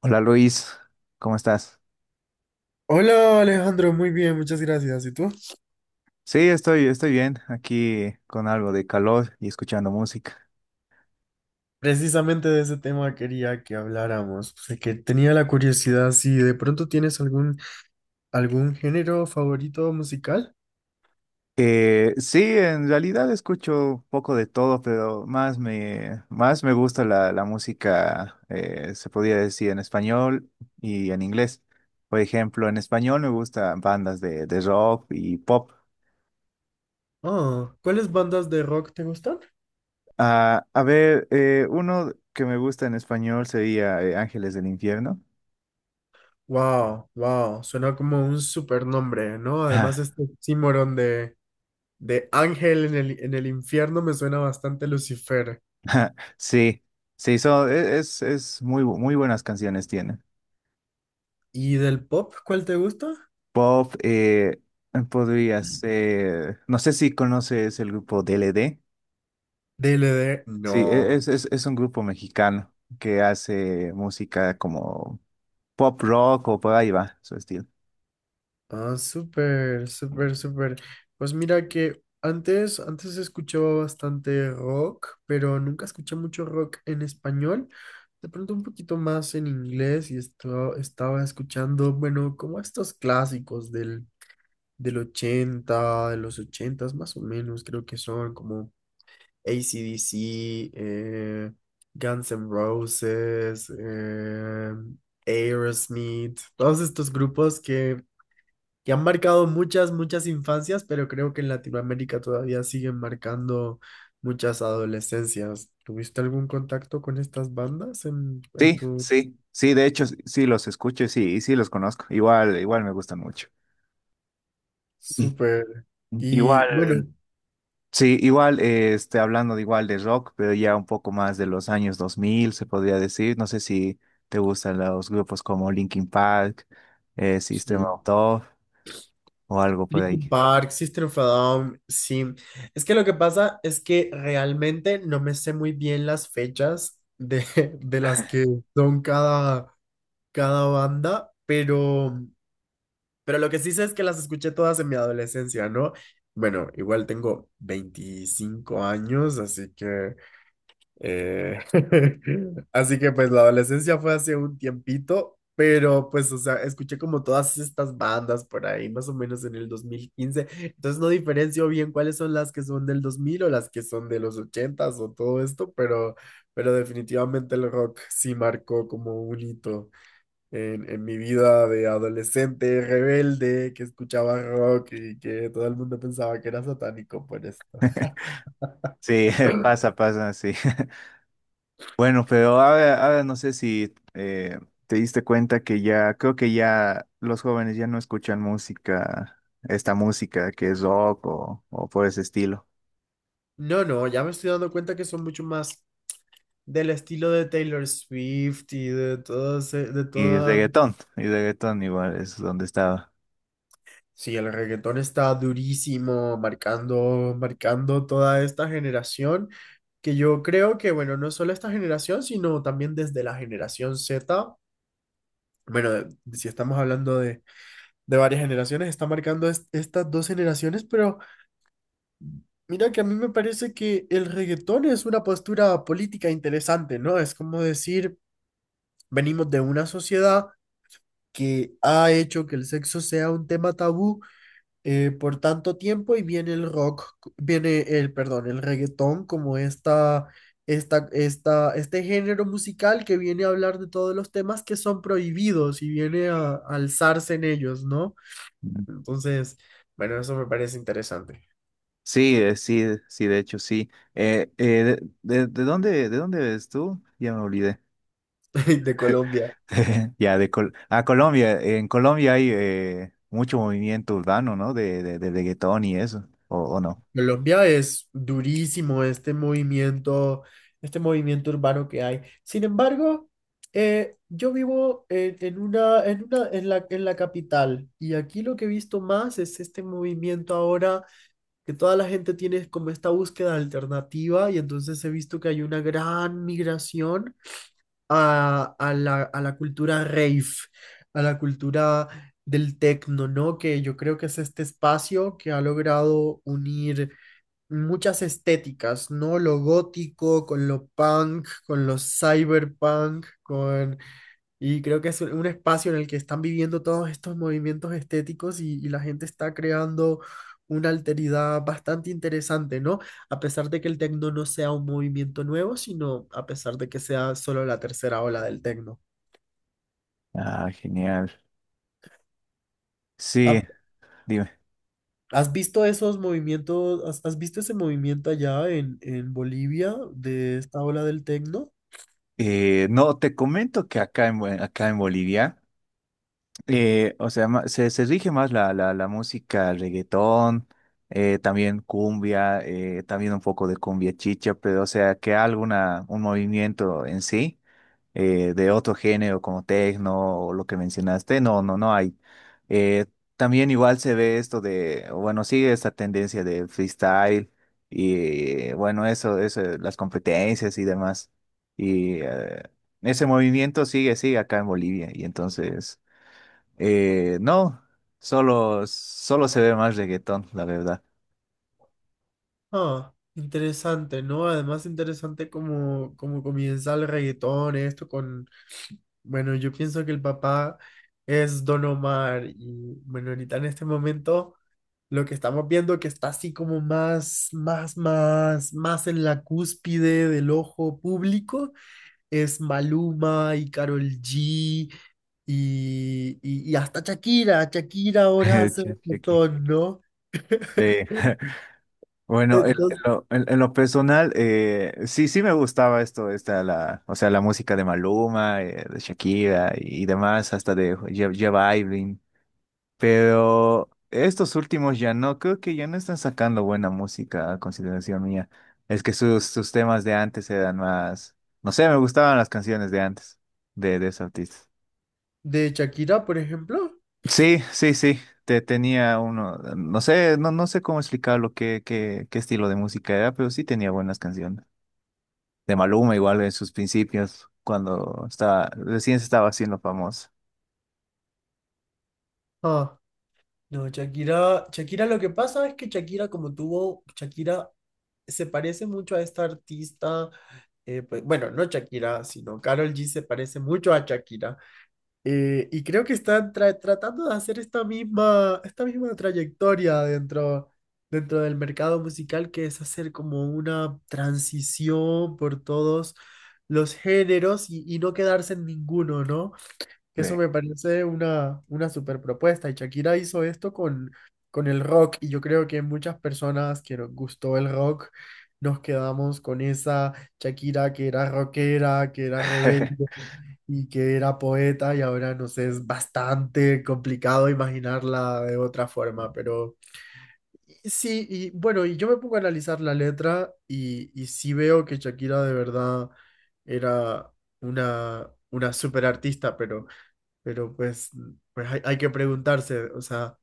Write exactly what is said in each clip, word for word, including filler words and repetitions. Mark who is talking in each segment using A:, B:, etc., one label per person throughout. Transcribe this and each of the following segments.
A: Hola Luis, ¿cómo estás?
B: Hola Alejandro, muy bien, muchas gracias. ¿Y tú?
A: Sí, estoy, estoy bien, aquí con algo de calor y escuchando música.
B: Precisamente de ese tema quería que habláramos, o sea, que tenía la curiosidad si de pronto tienes algún, algún género favorito musical.
A: Eh, sí, en realidad escucho un poco de todo, pero más me, más me gusta la, la música, eh, se podría decir en español y en inglés. Por ejemplo, en español me gustan bandas de, de rock y pop.
B: Ah, ¿cuáles bandas de rock te gustan?
A: Ah, a ver, eh, uno que me gusta en español sería eh, Ángeles del Infierno.
B: Wow, wow, suena como un super nombre, ¿no? Además este oxímoron de, de ángel en el, en el infierno me suena bastante Lucifer.
A: Sí, sí, son, e- es, es muy, bu- muy buenas canciones tienen.
B: ¿Y del pop cuál te gusta?
A: Pop, eh, podría ser, no sé si conoces el grupo D L D.
B: D. DLD,
A: Sí, e-
B: no.
A: es, es, es un grupo mexicano que hace música como pop rock o por ahí va su estilo.
B: Ah, súper, súper, súper. Pues mira que antes, antes escuchaba bastante rock, pero nunca escuché mucho rock en español. De pronto un poquito más en inglés y esto, estaba escuchando, bueno, como estos clásicos del, del ochenta de los ochenta más o menos, creo que son como A C/D C, eh, Guns N' Roses, eh, Aerosmith, todos estos grupos que que han marcado muchas, muchas infancias, pero creo que en Latinoamérica todavía siguen marcando muchas adolescencias. ¿Tuviste algún contacto con estas bandas en, en
A: Sí,
B: tu
A: sí, sí, de hecho sí sí los escucho sí, y sí sí los conozco. Igual, igual me gustan mucho.
B: súper? Y bueno,
A: Igual. Sí, igual, eh, este, hablando de igual de rock, pero ya un poco más de los años dos mil, se podría decir. No sé si te gustan los grupos como Linkin Park, eh, System of
B: sí.
A: a Down o algo por
B: Linkin
A: ahí.
B: Park, System of a Down, sí. Es que lo que pasa es que realmente no me sé muy bien las fechas de, de las que son cada, cada banda, pero Pero lo que sí sé es que las escuché todas en mi adolescencia, ¿no? Bueno, igual tengo veinticinco años, así que eh, así que pues la adolescencia fue hace un tiempito, pero pues, o sea, escuché como todas estas bandas por ahí, más o menos en el dos mil quince. Entonces no diferencio bien cuáles son las que son del dos mil o las que son de los ochentas o todo esto, pero, pero definitivamente el rock sí marcó como un hito en, en mi vida de adolescente rebelde que escuchaba rock y que todo el mundo pensaba que era satánico por esto.
A: Sí, pasa, pasa, sí. Bueno, pero ahora, ahora no sé si eh, te diste cuenta que ya, creo que ya los jóvenes ya no escuchan música, esta música que es rock o, o por ese estilo.
B: No, no, ya me estoy dando cuenta que son mucho más del estilo de Taylor Swift y de todo ese- de
A: Y
B: toda.
A: reggaetón, y reggaetón igual es donde estaba.
B: Sí, el reggaetón está durísimo, marcando, marcando toda esta generación, que yo creo que, bueno, no solo esta generación, sino también desde la generación Z. Bueno, si estamos hablando de de varias generaciones, está marcando est- estas dos generaciones, pero mira que a mí me parece que el reggaetón es una postura política interesante, ¿no? Es como decir, venimos de una sociedad que ha hecho que el sexo sea un tema tabú eh, por tanto tiempo y viene el rock, viene el, perdón, el reggaetón como esta... Esta, esta, este género musical que viene a hablar de todos los temas que son prohibidos y viene a, a alzarse en ellos, ¿no? Entonces, bueno, eso me parece interesante.
A: Sí, eh, sí, eh, sí, de hecho, sí. Eh, eh, de, de- de dónde, ¿de dónde eres tú? Ya me olvidé.
B: De Colombia.
A: Ya, de Col ah, Colombia. En Colombia hay eh, mucho movimiento urbano, ¿no? De, de, de reggaetón y eso, ¿o, o no?
B: Colombia es durísimo este movimiento, este movimiento urbano que hay. Sin embargo, eh, yo vivo en, en una, en una, en la, en la capital y aquí lo que he visto más es este movimiento ahora que toda la gente tiene como esta búsqueda alternativa y entonces he visto que hay una gran migración a, a la, a la cultura rave, a la cultura del techno, ¿no? Que yo creo que es este espacio que ha logrado unir muchas estéticas, ¿no? Lo gótico, con lo punk, con lo cyberpunk. Con... Y creo que es un un espacio en el que están viviendo todos estos movimientos estéticos y, y la gente está creando una alteridad bastante interesante, ¿no? A pesar de que el tecno no sea un movimiento nuevo, sino a pesar de que sea solo la tercera ola del tecno.
A: Ah, genial. Sí,
B: Ha-
A: dime.
B: ¿Has visto esos movimientos, has, has visto ese movimiento allá en, en Bolivia de esta ola del tecno?
A: Eh, no, te comento que acá en, Bo- acá en Bolivia. Eh, o sea, ma- se, se rige más la, la, la música reggaetón, eh, también cumbia, eh, también un poco de cumbia chicha, pero o sea, que alguna, un movimiento en sí, eh, de otro género como tecno o lo que mencionaste, no, no, no hay. Eh, También igual se ve esto de, bueno, sigue esta tendencia de freestyle y bueno, eso, eso, las competencias y demás. Y eh, ese movimiento sigue, sigue acá en Bolivia y entonces... Eh, no, solo, solo se ve más reggaetón, la verdad.
B: Ah, interesante, ¿no? Además, interesante cómo, cómo comienza el reggaetón, esto con, bueno, yo pienso que el papá es Don Omar y, bueno, ahorita en este momento lo que estamos viendo que está así como más, más, más, más en la cúspide del ojo público es Maluma y Karol G y, y, y hasta Shakira, Shakira ahora hace
A: Che, che,
B: reggaetón, ¿no?
A: sí. Bueno, en, en
B: Entonces,
A: lo, en- en lo personal, eh, sí, sí me gustaba esto, esta, la, o sea, la música de Maluma, eh, de Shakira y, y demás, hasta de J- J Balvin. Pero estos últimos ya no, creo que ya no están sacando buena música, a consideración mía. Es que sus, sus temas de antes eran más, no sé, me gustaban las canciones de antes de, de esos artistas.
B: de Shakira, por ejemplo.
A: Sí, sí, sí. Te tenía uno, no sé, no, no sé cómo explicarlo, qué, qué, qué estilo de música era, pero sí tenía buenas canciones. De Maluma igual en sus principios, cuando estaba, recién se estaba haciendo famoso.
B: Ah. No, Shakira, Shakira, lo que pasa es que Shakira, como tuvo, Shakira se parece mucho a esta artista, eh, pues, bueno, no Shakira, sino Karol G se parece mucho a Shakira. eh, y creo que están tra- tratando de hacer esta misma, esta misma trayectoria dentro, dentro del mercado musical, que es hacer como una transición por todos los géneros y, y no quedarse en ninguno, ¿no? que Eso
A: Sí.
B: me parece una, una super propuesta. Y Shakira hizo esto con, con el rock. Y yo creo que muchas personas que nos gustó el rock nos quedamos con esa Shakira que era rockera, que era rebelde y que era poeta. Y ahora nos es bastante complicado imaginarla de otra forma. Pero y sí, y bueno, y yo me pongo a analizar la letra y, y sí veo que Shakira de verdad era una, una super artista, pero. Pero pues, pues hay, hay que preguntarse, o sea,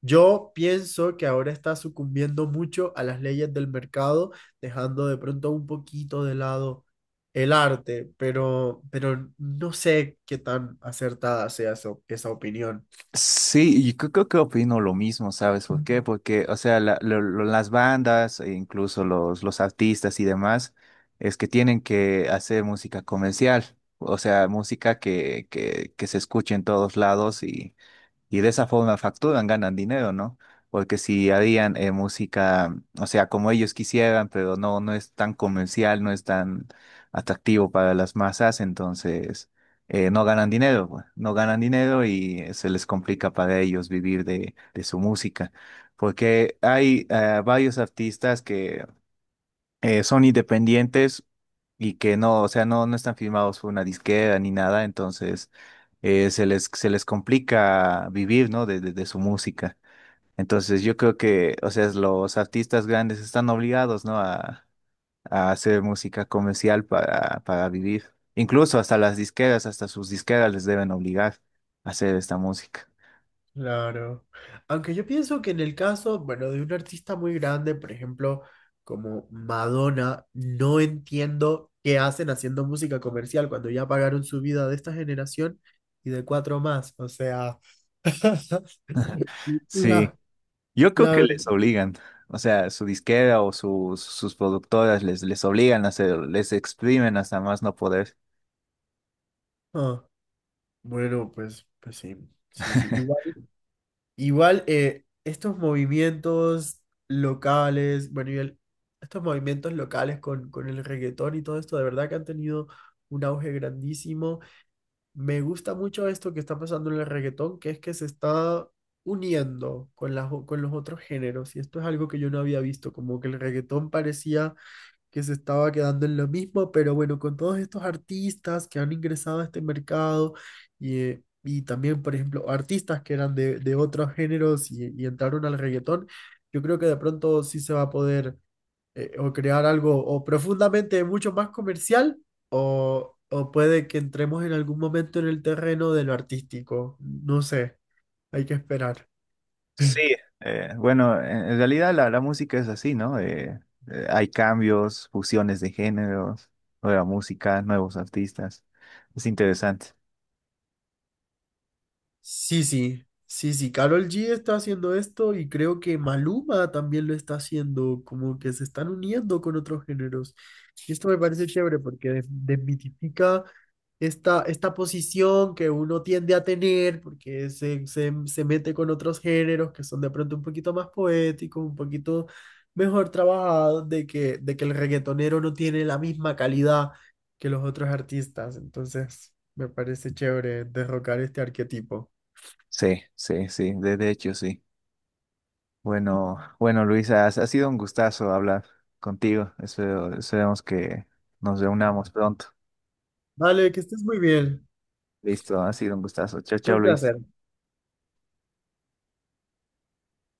B: yo pienso que ahora está sucumbiendo mucho a las leyes del mercado, dejando de pronto un poquito de lado el arte, pero, pero no sé qué tan acertada sea eso- esa opinión.
A: Sí, y creo, creo que opino lo mismo, ¿sabes por qué? Porque, o sea, la- lo- lo- las bandas, e incluso los, los artistas y demás, es que tienen que hacer música comercial, o sea, música que, que, que se escuche en todos lados. Y de esa forma facturan, ganan dinero, ¿no? Porque si harían eh, música, o sea, como ellos quisieran, pero no, no es tan comercial, no es tan atractivo para las masas, entonces eh, no ganan dinero, pues, no ganan dinero y eh, se les complica para ellos vivir de, de su música. Porque hay eh, varios artistas que eh, son independientes y que no, o sea, no, no están firmados por una disquera ni nada, entonces eh, se les, se les complica vivir, ¿no? De, de- de su música. Entonces yo creo que, o sea, los artistas grandes están obligados, ¿no? A, a hacer música comercial para, para vivir. Incluso hasta las disqueras, hasta sus disqueras les deben obligar a hacer esta música.
B: Claro. Aunque yo pienso que en el caso, bueno, de un artista muy grande, por ejemplo, como Madonna, no entiendo qué hacen haciendo música comercial cuando ya pagaron su vida de esta generación y de cuatro más. O sea,
A: Sí,
B: la,
A: yo creo
B: la
A: que
B: verdad.
A: les obligan. O sea, su disquera o sus sus productoras les, les obligan a hacer, les exprimen hasta más no poder.
B: Ah, bueno, pues, pues sí, sí, sí. Igual, igual eh, estos movimientos locales, bueno, y el- estos movimientos locales con, con el reggaetón y todo esto, de verdad que han tenido un auge grandísimo. Me gusta mucho esto que está pasando en el reggaetón, que es que se está uniendo con las, o- con los otros géneros. Y esto es algo que yo no había visto, como que el reggaetón parecía que se estaba quedando en lo mismo, pero bueno, con todos estos artistas que han ingresado a este mercado y, eh, y también, por ejemplo, artistas que eran de, de otros géneros y, y entraron al reggaetón, yo creo que de pronto sí se va a poder eh, o crear algo o profundamente mucho más comercial o, o puede que entremos en algún momento en el terreno de lo artístico. No sé, hay que esperar.
A: Sí, eh, bueno, en en realidad la, la música es así, ¿no? Eh, eh, hay cambios, fusiones de géneros, nueva música, nuevos artistas. Es interesante.
B: Sí, sí, sí, sí, Karol G está haciendo esto y creo que Maluma también lo está haciendo, como que se están uniendo con otros géneros. Y esto me parece chévere porque des- desmitifica esta, esta posición que uno tiende a tener porque se, se, se mete con otros géneros que son de pronto un poquito más poéticos, un poquito mejor trabajados, de que, de que el reggaetonero no tiene la misma calidad que los otros artistas. Entonces, me parece chévere derrocar este arquetipo.
A: Sí, sí, sí, de, de hecho, sí. Bueno, bueno, Luisa, ha, ha sido un gustazo hablar contigo. Espero, esperemos que nos reunamos pronto.
B: Vale, que estés muy bien.
A: Listo, ha sido un gustazo. Chao,
B: Fue
A: chao,
B: Un
A: Luis.
B: placer.